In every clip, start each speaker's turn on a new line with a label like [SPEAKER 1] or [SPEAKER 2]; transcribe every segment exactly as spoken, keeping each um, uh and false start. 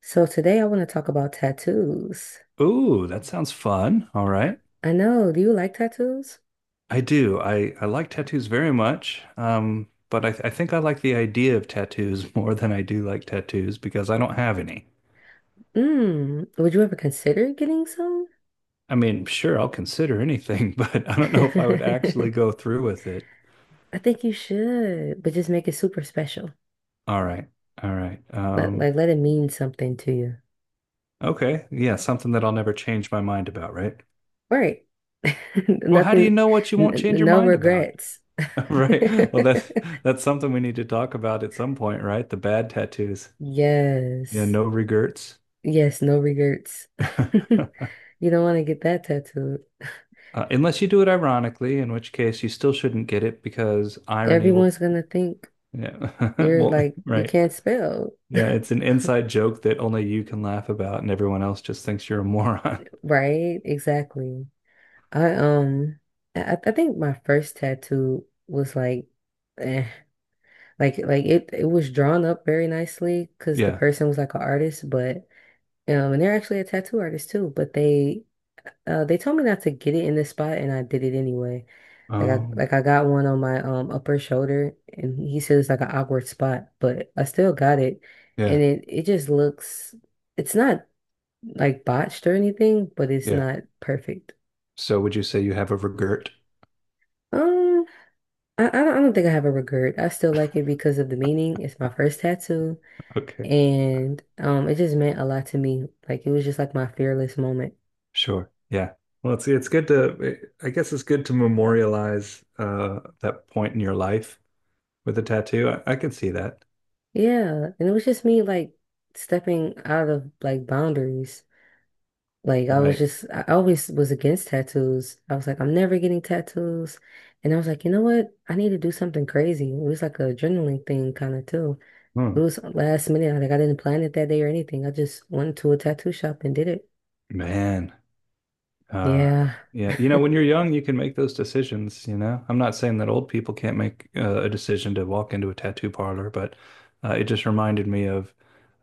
[SPEAKER 1] So today I want to talk about tattoos.
[SPEAKER 2] Ooh, that sounds fun. All
[SPEAKER 1] I
[SPEAKER 2] right.
[SPEAKER 1] I know, do you like tattoos?
[SPEAKER 2] I do. I, I like tattoos very much. Um, but I, th- I think I like the idea of tattoos more than I do like tattoos because I don't have any.
[SPEAKER 1] Mm, would you ever consider getting some?
[SPEAKER 2] I mean, sure, I'll consider anything, but I don't know if I would
[SPEAKER 1] I
[SPEAKER 2] actually go through with it.
[SPEAKER 1] think you should, but just make it super special.
[SPEAKER 2] All right. All right.
[SPEAKER 1] Let,
[SPEAKER 2] Um,
[SPEAKER 1] like let it mean something to you.
[SPEAKER 2] okay. Yeah, something that I'll never change my mind about, right?
[SPEAKER 1] Right.
[SPEAKER 2] Well, how do
[SPEAKER 1] Nothing,
[SPEAKER 2] you know what you won't
[SPEAKER 1] n
[SPEAKER 2] change your
[SPEAKER 1] no
[SPEAKER 2] mind about?
[SPEAKER 1] regrets.
[SPEAKER 2] Right. Well, that that's something we need to talk about at some point, right? The bad tattoos. Yeah,
[SPEAKER 1] Yes.
[SPEAKER 2] no regrets.
[SPEAKER 1] Yes, no regrets. You don't want to get that tattooed.
[SPEAKER 2] Uh, unless you do it ironically, in which case you still shouldn't get it because irony will,
[SPEAKER 1] Everyone's gonna think
[SPEAKER 2] yeah,
[SPEAKER 1] you're
[SPEAKER 2] well,
[SPEAKER 1] like you
[SPEAKER 2] right.
[SPEAKER 1] can't spell.
[SPEAKER 2] Yeah, it's an inside joke that only you can laugh about and everyone else just thinks you're a moron.
[SPEAKER 1] Right, exactly. I um I, I think my first tattoo was like eh, like like it it was drawn up very nicely because the
[SPEAKER 2] Yeah.
[SPEAKER 1] person was like an artist, but um and they're actually a tattoo artist too, but they uh they told me not to get it in this spot and I did it anyway. Like I
[SPEAKER 2] Oh,
[SPEAKER 1] like I got one on my um upper shoulder and he said it's like an awkward spot, but I still got it
[SPEAKER 2] yeah.
[SPEAKER 1] and it it just looks it's not like botched or anything, but it's
[SPEAKER 2] Yeah.
[SPEAKER 1] not perfect.
[SPEAKER 2] So would you say you have a regret?
[SPEAKER 1] Um I, I don't, I don't think I have a regret. I still like it because of the meaning. It's my first tattoo,
[SPEAKER 2] Okay.
[SPEAKER 1] and um, it just meant a lot to me. Like it was just like my fearless moment.
[SPEAKER 2] Sure. Yeah. Well, it's it's good to I guess it's good to memorialize uh that point in your life with a tattoo. I, I can see that.
[SPEAKER 1] Yeah, and it was just me like stepping out of like boundaries. Like I was
[SPEAKER 2] Right.
[SPEAKER 1] just, I always was against tattoos. I was like, I'm never getting tattoos, and I was like, you know what? I need to do something crazy. It was like a adrenaline thing kind of too.
[SPEAKER 2] Hmm.
[SPEAKER 1] It was last minute. Like I didn't plan it that day or anything. I just went to a tattoo shop and did it.
[SPEAKER 2] Man. Uh,
[SPEAKER 1] Yeah.
[SPEAKER 2] yeah, you know, when you're young, you can make those decisions, you know. I'm not saying that old people can't make uh, a decision to walk into a tattoo parlor, but uh, it just reminded me of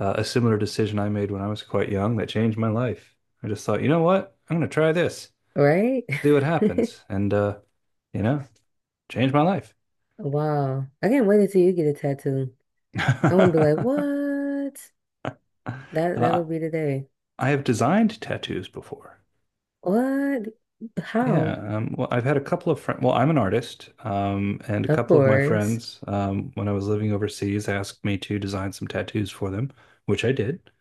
[SPEAKER 2] uh, a similar decision I made when I was quite young that changed my life. I just thought, you know what? I'm going to try this,
[SPEAKER 1] Right?
[SPEAKER 2] see what happens, and uh, you know, change my life.
[SPEAKER 1] Wow. I can't wait until you get a tattoo. I'm gonna be like, what? That
[SPEAKER 2] Uh,
[SPEAKER 1] that'll be the day.
[SPEAKER 2] I have designed tattoos before.
[SPEAKER 1] What? How?
[SPEAKER 2] Yeah, um, well, I've had a couple of friends. Well, I'm an artist, um, and a
[SPEAKER 1] Of
[SPEAKER 2] couple of my
[SPEAKER 1] course.
[SPEAKER 2] friends, um, when I was living overseas, asked me to design some tattoos for them, which I did.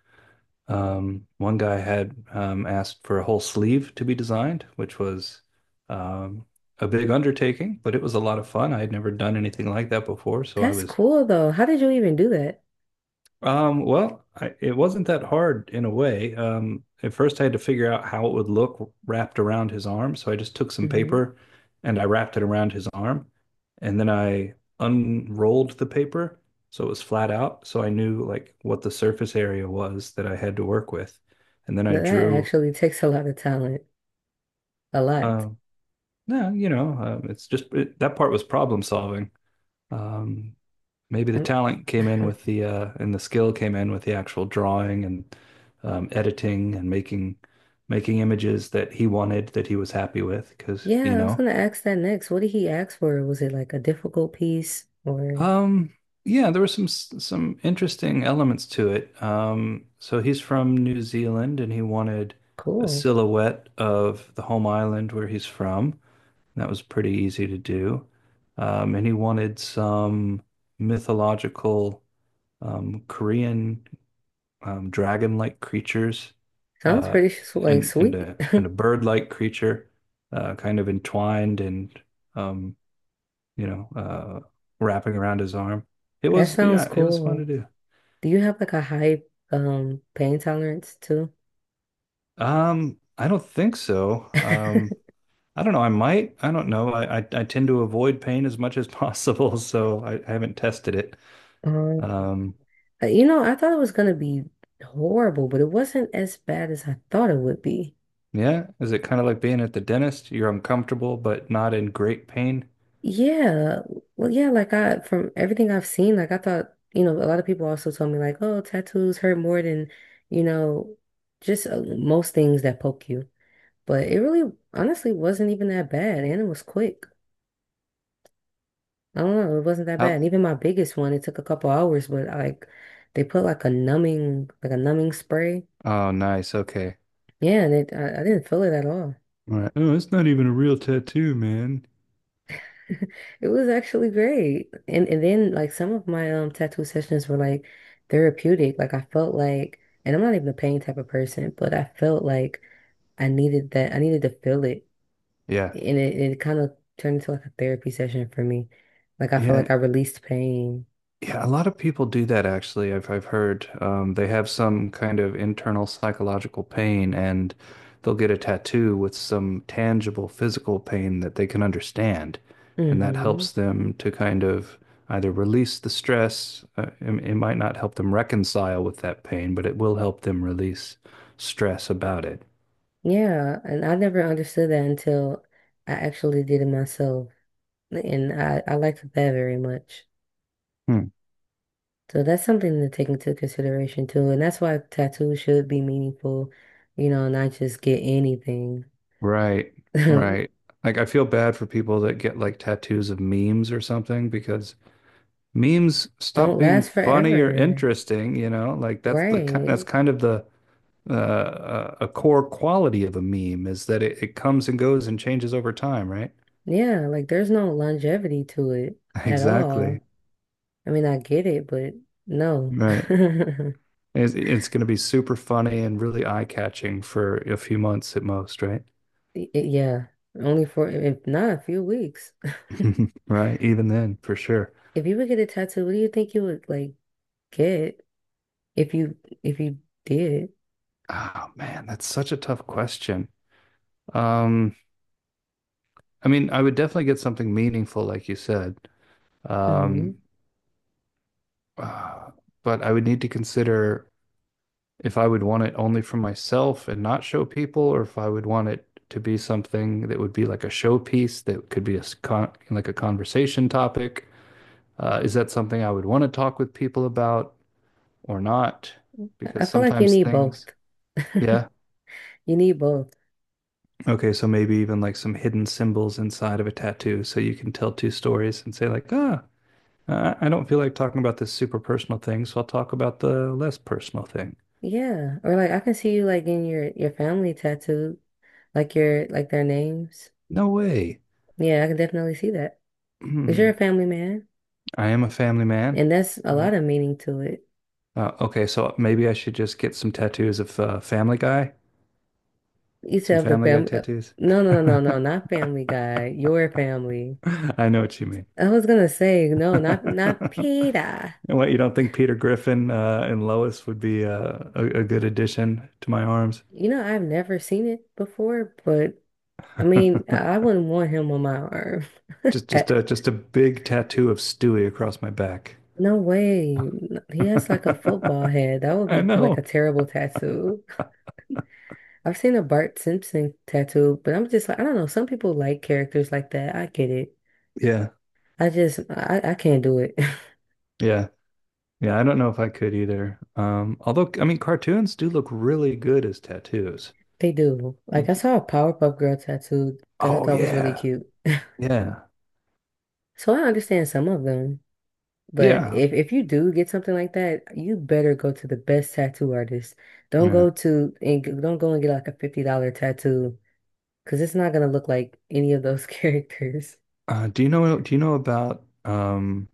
[SPEAKER 2] Um, one guy had um, asked for a whole sleeve to be designed, which was um, a big undertaking, but it was a lot of fun. I had never done anything like that before, so I
[SPEAKER 1] That's
[SPEAKER 2] was
[SPEAKER 1] cool though. How did you even do that?
[SPEAKER 2] um, well, I, it wasn't that hard in a way. Um, at first, I had to figure out how it would look wrapped around his arm. So I just took some
[SPEAKER 1] Hmm.
[SPEAKER 2] paper and I wrapped it around his arm. And then I unrolled the paper so it was flat out. So I knew like what the surface area was that I had to work with. And then I
[SPEAKER 1] That
[SPEAKER 2] drew,
[SPEAKER 1] actually takes a lot of talent. A lot.
[SPEAKER 2] uh, no, you know, um, it's just it, that part was problem solving. Um, Maybe the
[SPEAKER 1] Um.
[SPEAKER 2] talent came in with the uh and the skill came in with the actual drawing and um, editing and making making images that he wanted that he was happy with because you
[SPEAKER 1] Yeah, I was
[SPEAKER 2] know
[SPEAKER 1] gonna ask that next. What did he ask for? Was it like a difficult piece or
[SPEAKER 2] um yeah there were some some interesting elements to it. Um so he's from New Zealand and he wanted a
[SPEAKER 1] cool?
[SPEAKER 2] silhouette of the home island where he's from. That was pretty easy to do. Um and he wanted some mythological um Korean um, dragon-like creatures,
[SPEAKER 1] Sounds
[SPEAKER 2] uh,
[SPEAKER 1] pretty s- like
[SPEAKER 2] and and
[SPEAKER 1] sweet.
[SPEAKER 2] a and a bird-like creature, uh, kind of entwined and, um, you know, uh, wrapping around his arm. It
[SPEAKER 1] That
[SPEAKER 2] was,
[SPEAKER 1] sounds
[SPEAKER 2] yeah, it was fun to
[SPEAKER 1] cool.
[SPEAKER 2] do.
[SPEAKER 1] Do you have like a high um pain tolerance too?
[SPEAKER 2] Um, I don't think so. Um, I don't know. I might. I don't know. I, I, I tend to avoid pain as much as possible, so I, I haven't tested it.
[SPEAKER 1] Um,
[SPEAKER 2] Um,
[SPEAKER 1] uh, you know, I thought it was gonna be horrible, but it wasn't as bad as I thought it would be.
[SPEAKER 2] yeah, is it kind of like being at the dentist? You're uncomfortable, but not in great pain.
[SPEAKER 1] Yeah, well, yeah, like I from everything I've seen, like I thought, you know, a lot of people also told me like, oh, tattoos hurt more than, you know, just uh, most things that poke you. But it really, honestly, wasn't even that bad, and it was quick. I don't know. It wasn't that bad.
[SPEAKER 2] How,
[SPEAKER 1] And even my biggest one, it took a couple hours, but like they put like a numbing, like a numbing spray.
[SPEAKER 2] oh, nice. Okay.
[SPEAKER 1] Yeah, and it, I, I didn't feel it at all.
[SPEAKER 2] Right. Oh, it's not even a real tattoo, man.
[SPEAKER 1] It was actually great. And and then like some of my um tattoo sessions were like therapeutic. Like I felt like, and I'm not even a pain type of person, but I felt like I needed that. I needed to feel it,
[SPEAKER 2] Yeah.
[SPEAKER 1] and it, it kind of turned into like a therapy session for me. Like I felt
[SPEAKER 2] Yeah.
[SPEAKER 1] like I released pain.
[SPEAKER 2] Yeah. A lot of people do that actually. I've I've heard um, they have some kind of internal psychological pain and they'll get a tattoo with some tangible physical pain that they can understand. And that
[SPEAKER 1] Hmm.
[SPEAKER 2] helps them to kind of either release the stress. Uh, it, it might not help them reconcile with that pain, but it will help them release stress about it.
[SPEAKER 1] Yeah, and I never understood that until I actually did it myself. And I, I liked that very much.
[SPEAKER 2] Hmm.
[SPEAKER 1] So that's something to take into consideration too. And that's why tattoos should be meaningful, you know, not just get anything.
[SPEAKER 2] Right,
[SPEAKER 1] Don't
[SPEAKER 2] right. Like I feel bad for people that get like tattoos of memes or something because memes stop being
[SPEAKER 1] last
[SPEAKER 2] funny or
[SPEAKER 1] forever.
[SPEAKER 2] interesting, you know? Like that's the ki- that's
[SPEAKER 1] Right.
[SPEAKER 2] kind of the uh, uh, a core quality of a meme is that it, it comes and goes and changes over time, right?
[SPEAKER 1] Yeah, like there's no longevity to it at
[SPEAKER 2] Exactly.
[SPEAKER 1] all. I mean, I get it, but no.
[SPEAKER 2] Right. It's, it's going to be super funny and really eye-catching for a few months at most, right?
[SPEAKER 1] Y- Yeah, only for if not a few weeks.
[SPEAKER 2] Right, even then, for sure.
[SPEAKER 1] If you would get a tattoo, what do you think you would like? Good if you if you did.
[SPEAKER 2] Oh man, that's such a tough question. Um. I mean, I would definitely get something meaningful, like you said.
[SPEAKER 1] Hmm.
[SPEAKER 2] Um, uh, but I would need to consider if I would want it only for myself and not show people, or if I would want it to be something that would be like a showpiece that could be a con like a conversation topic. Uh, is that something I would want to talk with people about or not?
[SPEAKER 1] I
[SPEAKER 2] Because
[SPEAKER 1] feel like you
[SPEAKER 2] sometimes
[SPEAKER 1] need both.
[SPEAKER 2] things, yeah.
[SPEAKER 1] You need both.
[SPEAKER 2] Okay, so maybe even like some hidden symbols inside of a tattoo, so you can tell two stories and say like, ah. Uh, I don't feel like talking about this super personal thing, so I'll talk about the less personal thing.
[SPEAKER 1] Yeah. Or like I can see you like in your your family tattooed, like your like their names.
[SPEAKER 2] No way.
[SPEAKER 1] Yeah, I can definitely see that. 'Cause you're a
[SPEAKER 2] Hmm.
[SPEAKER 1] family man,
[SPEAKER 2] I am a family man.
[SPEAKER 1] and that's a
[SPEAKER 2] Yeah.
[SPEAKER 1] lot of meaning to it.
[SPEAKER 2] Uh, okay, so maybe I should just get some tattoos of uh, Family Guy,
[SPEAKER 1] You said
[SPEAKER 2] some
[SPEAKER 1] of the
[SPEAKER 2] Family Guy
[SPEAKER 1] family.
[SPEAKER 2] tattoos.
[SPEAKER 1] No, no, no, no, no, not Family Guy. Your family.
[SPEAKER 2] I know what you mean.
[SPEAKER 1] I was gonna say no, not not Peter.
[SPEAKER 2] And what, you don't think Peter Griffin uh, and Lois would be uh, a, a good addition to my arms?
[SPEAKER 1] You know, I've never seen it before, but I mean, I wouldn't want him on my arm.
[SPEAKER 2] Just,
[SPEAKER 1] Eh,
[SPEAKER 2] just, a, just a big tattoo of Stewie across my back.
[SPEAKER 1] No way. He has like a football head. That would
[SPEAKER 2] I
[SPEAKER 1] be like a
[SPEAKER 2] know.
[SPEAKER 1] terrible tattoo. I've seen a Bart Simpson tattoo, but I'm just like, I don't know. Some people like characters like that. I get it.
[SPEAKER 2] Yeah,
[SPEAKER 1] I just, I, I can't do it.
[SPEAKER 2] yeah. Yeah, I don't know if I could either. Um, although, I mean, cartoons do look really good as tattoos.
[SPEAKER 1] They do. Like, I saw a Powerpuff Girl tattoo that I
[SPEAKER 2] Oh
[SPEAKER 1] thought was really
[SPEAKER 2] yeah,
[SPEAKER 1] cute.
[SPEAKER 2] yeah,
[SPEAKER 1] So I understand some of them. But
[SPEAKER 2] yeah,
[SPEAKER 1] if, if you do get something like that, you better go to the best tattoo artist. Don't
[SPEAKER 2] yeah.
[SPEAKER 1] go to and g- Don't go and get like a fifty dollars tattoo. Because it's not going to look like any of those characters.
[SPEAKER 2] Uh, do you know? Do you know about um,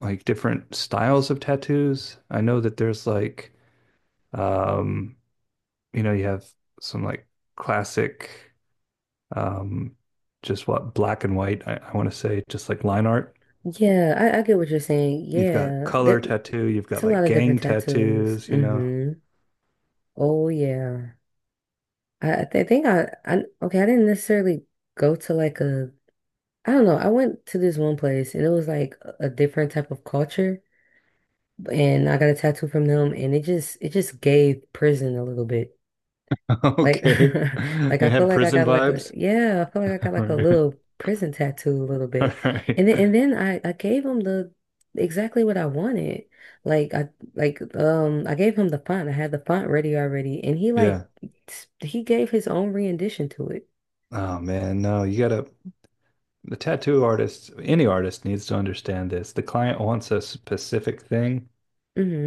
[SPEAKER 2] like different styles of tattoos? I know that there's like, um, you know, you have some like classic, um, just what black and white. I, I want to say just like line art.
[SPEAKER 1] Yeah, I, I get what you're saying.
[SPEAKER 2] You've got
[SPEAKER 1] Yeah, there,
[SPEAKER 2] color tattoo. You've
[SPEAKER 1] it's
[SPEAKER 2] got
[SPEAKER 1] a lot
[SPEAKER 2] like
[SPEAKER 1] of different
[SPEAKER 2] gang
[SPEAKER 1] tattoos.
[SPEAKER 2] tattoos. You know.
[SPEAKER 1] Hmm. Oh, yeah. I, I th- think I, I, okay, I didn't necessarily go to like a, I don't know. I went to this one place and it was like a a different type of culture and I got a tattoo from them and it just, it just gave prison a little bit. Like,
[SPEAKER 2] Okay.
[SPEAKER 1] like I
[SPEAKER 2] They
[SPEAKER 1] feel
[SPEAKER 2] have
[SPEAKER 1] like I
[SPEAKER 2] prison
[SPEAKER 1] got like a
[SPEAKER 2] vibes.
[SPEAKER 1] yeah, I feel like I got
[SPEAKER 2] All
[SPEAKER 1] like a
[SPEAKER 2] right.
[SPEAKER 1] little prison tattoo a little
[SPEAKER 2] All
[SPEAKER 1] bit,
[SPEAKER 2] right.
[SPEAKER 1] and then and then I I gave him the exactly what I wanted. Like I like um I gave him the font. I had the font ready already, and he like
[SPEAKER 2] Yeah.
[SPEAKER 1] s- he gave his own rendition to it.
[SPEAKER 2] Oh man, no, you gotta the tattoo artist, any artist needs to understand this. The client wants a specific thing.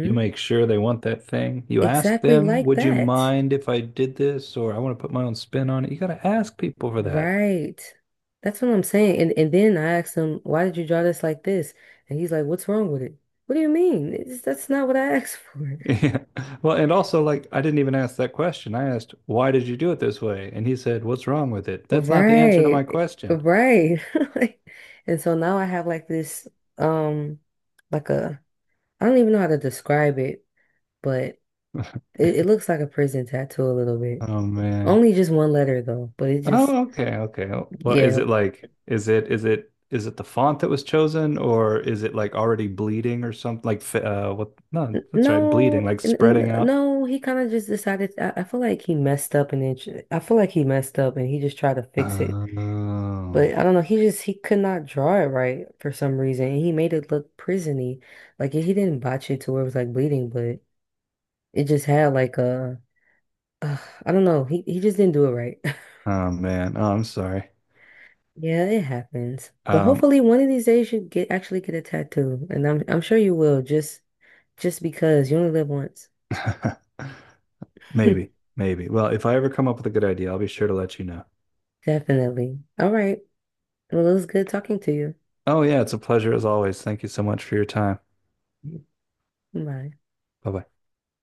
[SPEAKER 2] You make sure they want that thing. You ask
[SPEAKER 1] Exactly
[SPEAKER 2] them,
[SPEAKER 1] like
[SPEAKER 2] would you
[SPEAKER 1] that.
[SPEAKER 2] mind if I did this? Or I want to put my own spin on it. You gotta ask people for that.
[SPEAKER 1] Right. That's what I'm saying. And and then I asked him, why did you draw this like this? And he's like, what's wrong with it? What do you mean? It's, that's not what I asked for.
[SPEAKER 2] Yeah. Well, and also like I didn't even ask that question. I asked, why did you do it this way? And he said, what's wrong with it? That's not the answer to
[SPEAKER 1] Right.
[SPEAKER 2] my question.
[SPEAKER 1] Right. Like, and so now I have like this um like a I don't even know how to describe it, but it, it looks like a prison tattoo a little bit.
[SPEAKER 2] Oh man.
[SPEAKER 1] Only just one letter though, but it just
[SPEAKER 2] Oh, okay, okay. Well, is
[SPEAKER 1] yeah.
[SPEAKER 2] it like is it is it is it the font that was chosen or is it like already bleeding or something like fi- uh what no,
[SPEAKER 1] N-
[SPEAKER 2] that's right, bleeding,
[SPEAKER 1] No,
[SPEAKER 2] like
[SPEAKER 1] n-
[SPEAKER 2] spreading
[SPEAKER 1] n-
[SPEAKER 2] out.
[SPEAKER 1] no, he kind of just decided I, I feel like he messed up and it, sh- I feel like he messed up and he just tried to fix it.
[SPEAKER 2] Oh,
[SPEAKER 1] But I don't know, he just he could not draw it right for some reason. And he made it look prisony. Like he didn't botch it to where it was like bleeding, but it just had like a, uh, I don't know. He he just didn't do it right.
[SPEAKER 2] oh man. Oh, I'm sorry.
[SPEAKER 1] Yeah, it happens. But
[SPEAKER 2] Um
[SPEAKER 1] hopefully one of these days you get actually get a tattoo. And I'm I'm sure you will just just because you only live once.
[SPEAKER 2] maybe, maybe. Well, if I ever come up with a good idea, I'll be sure to let you know.
[SPEAKER 1] Definitely. All right. Well, it was good talking to
[SPEAKER 2] Oh yeah, it's a pleasure as always. Thank you so much for your time.
[SPEAKER 1] you. Bye.
[SPEAKER 2] Bye bye.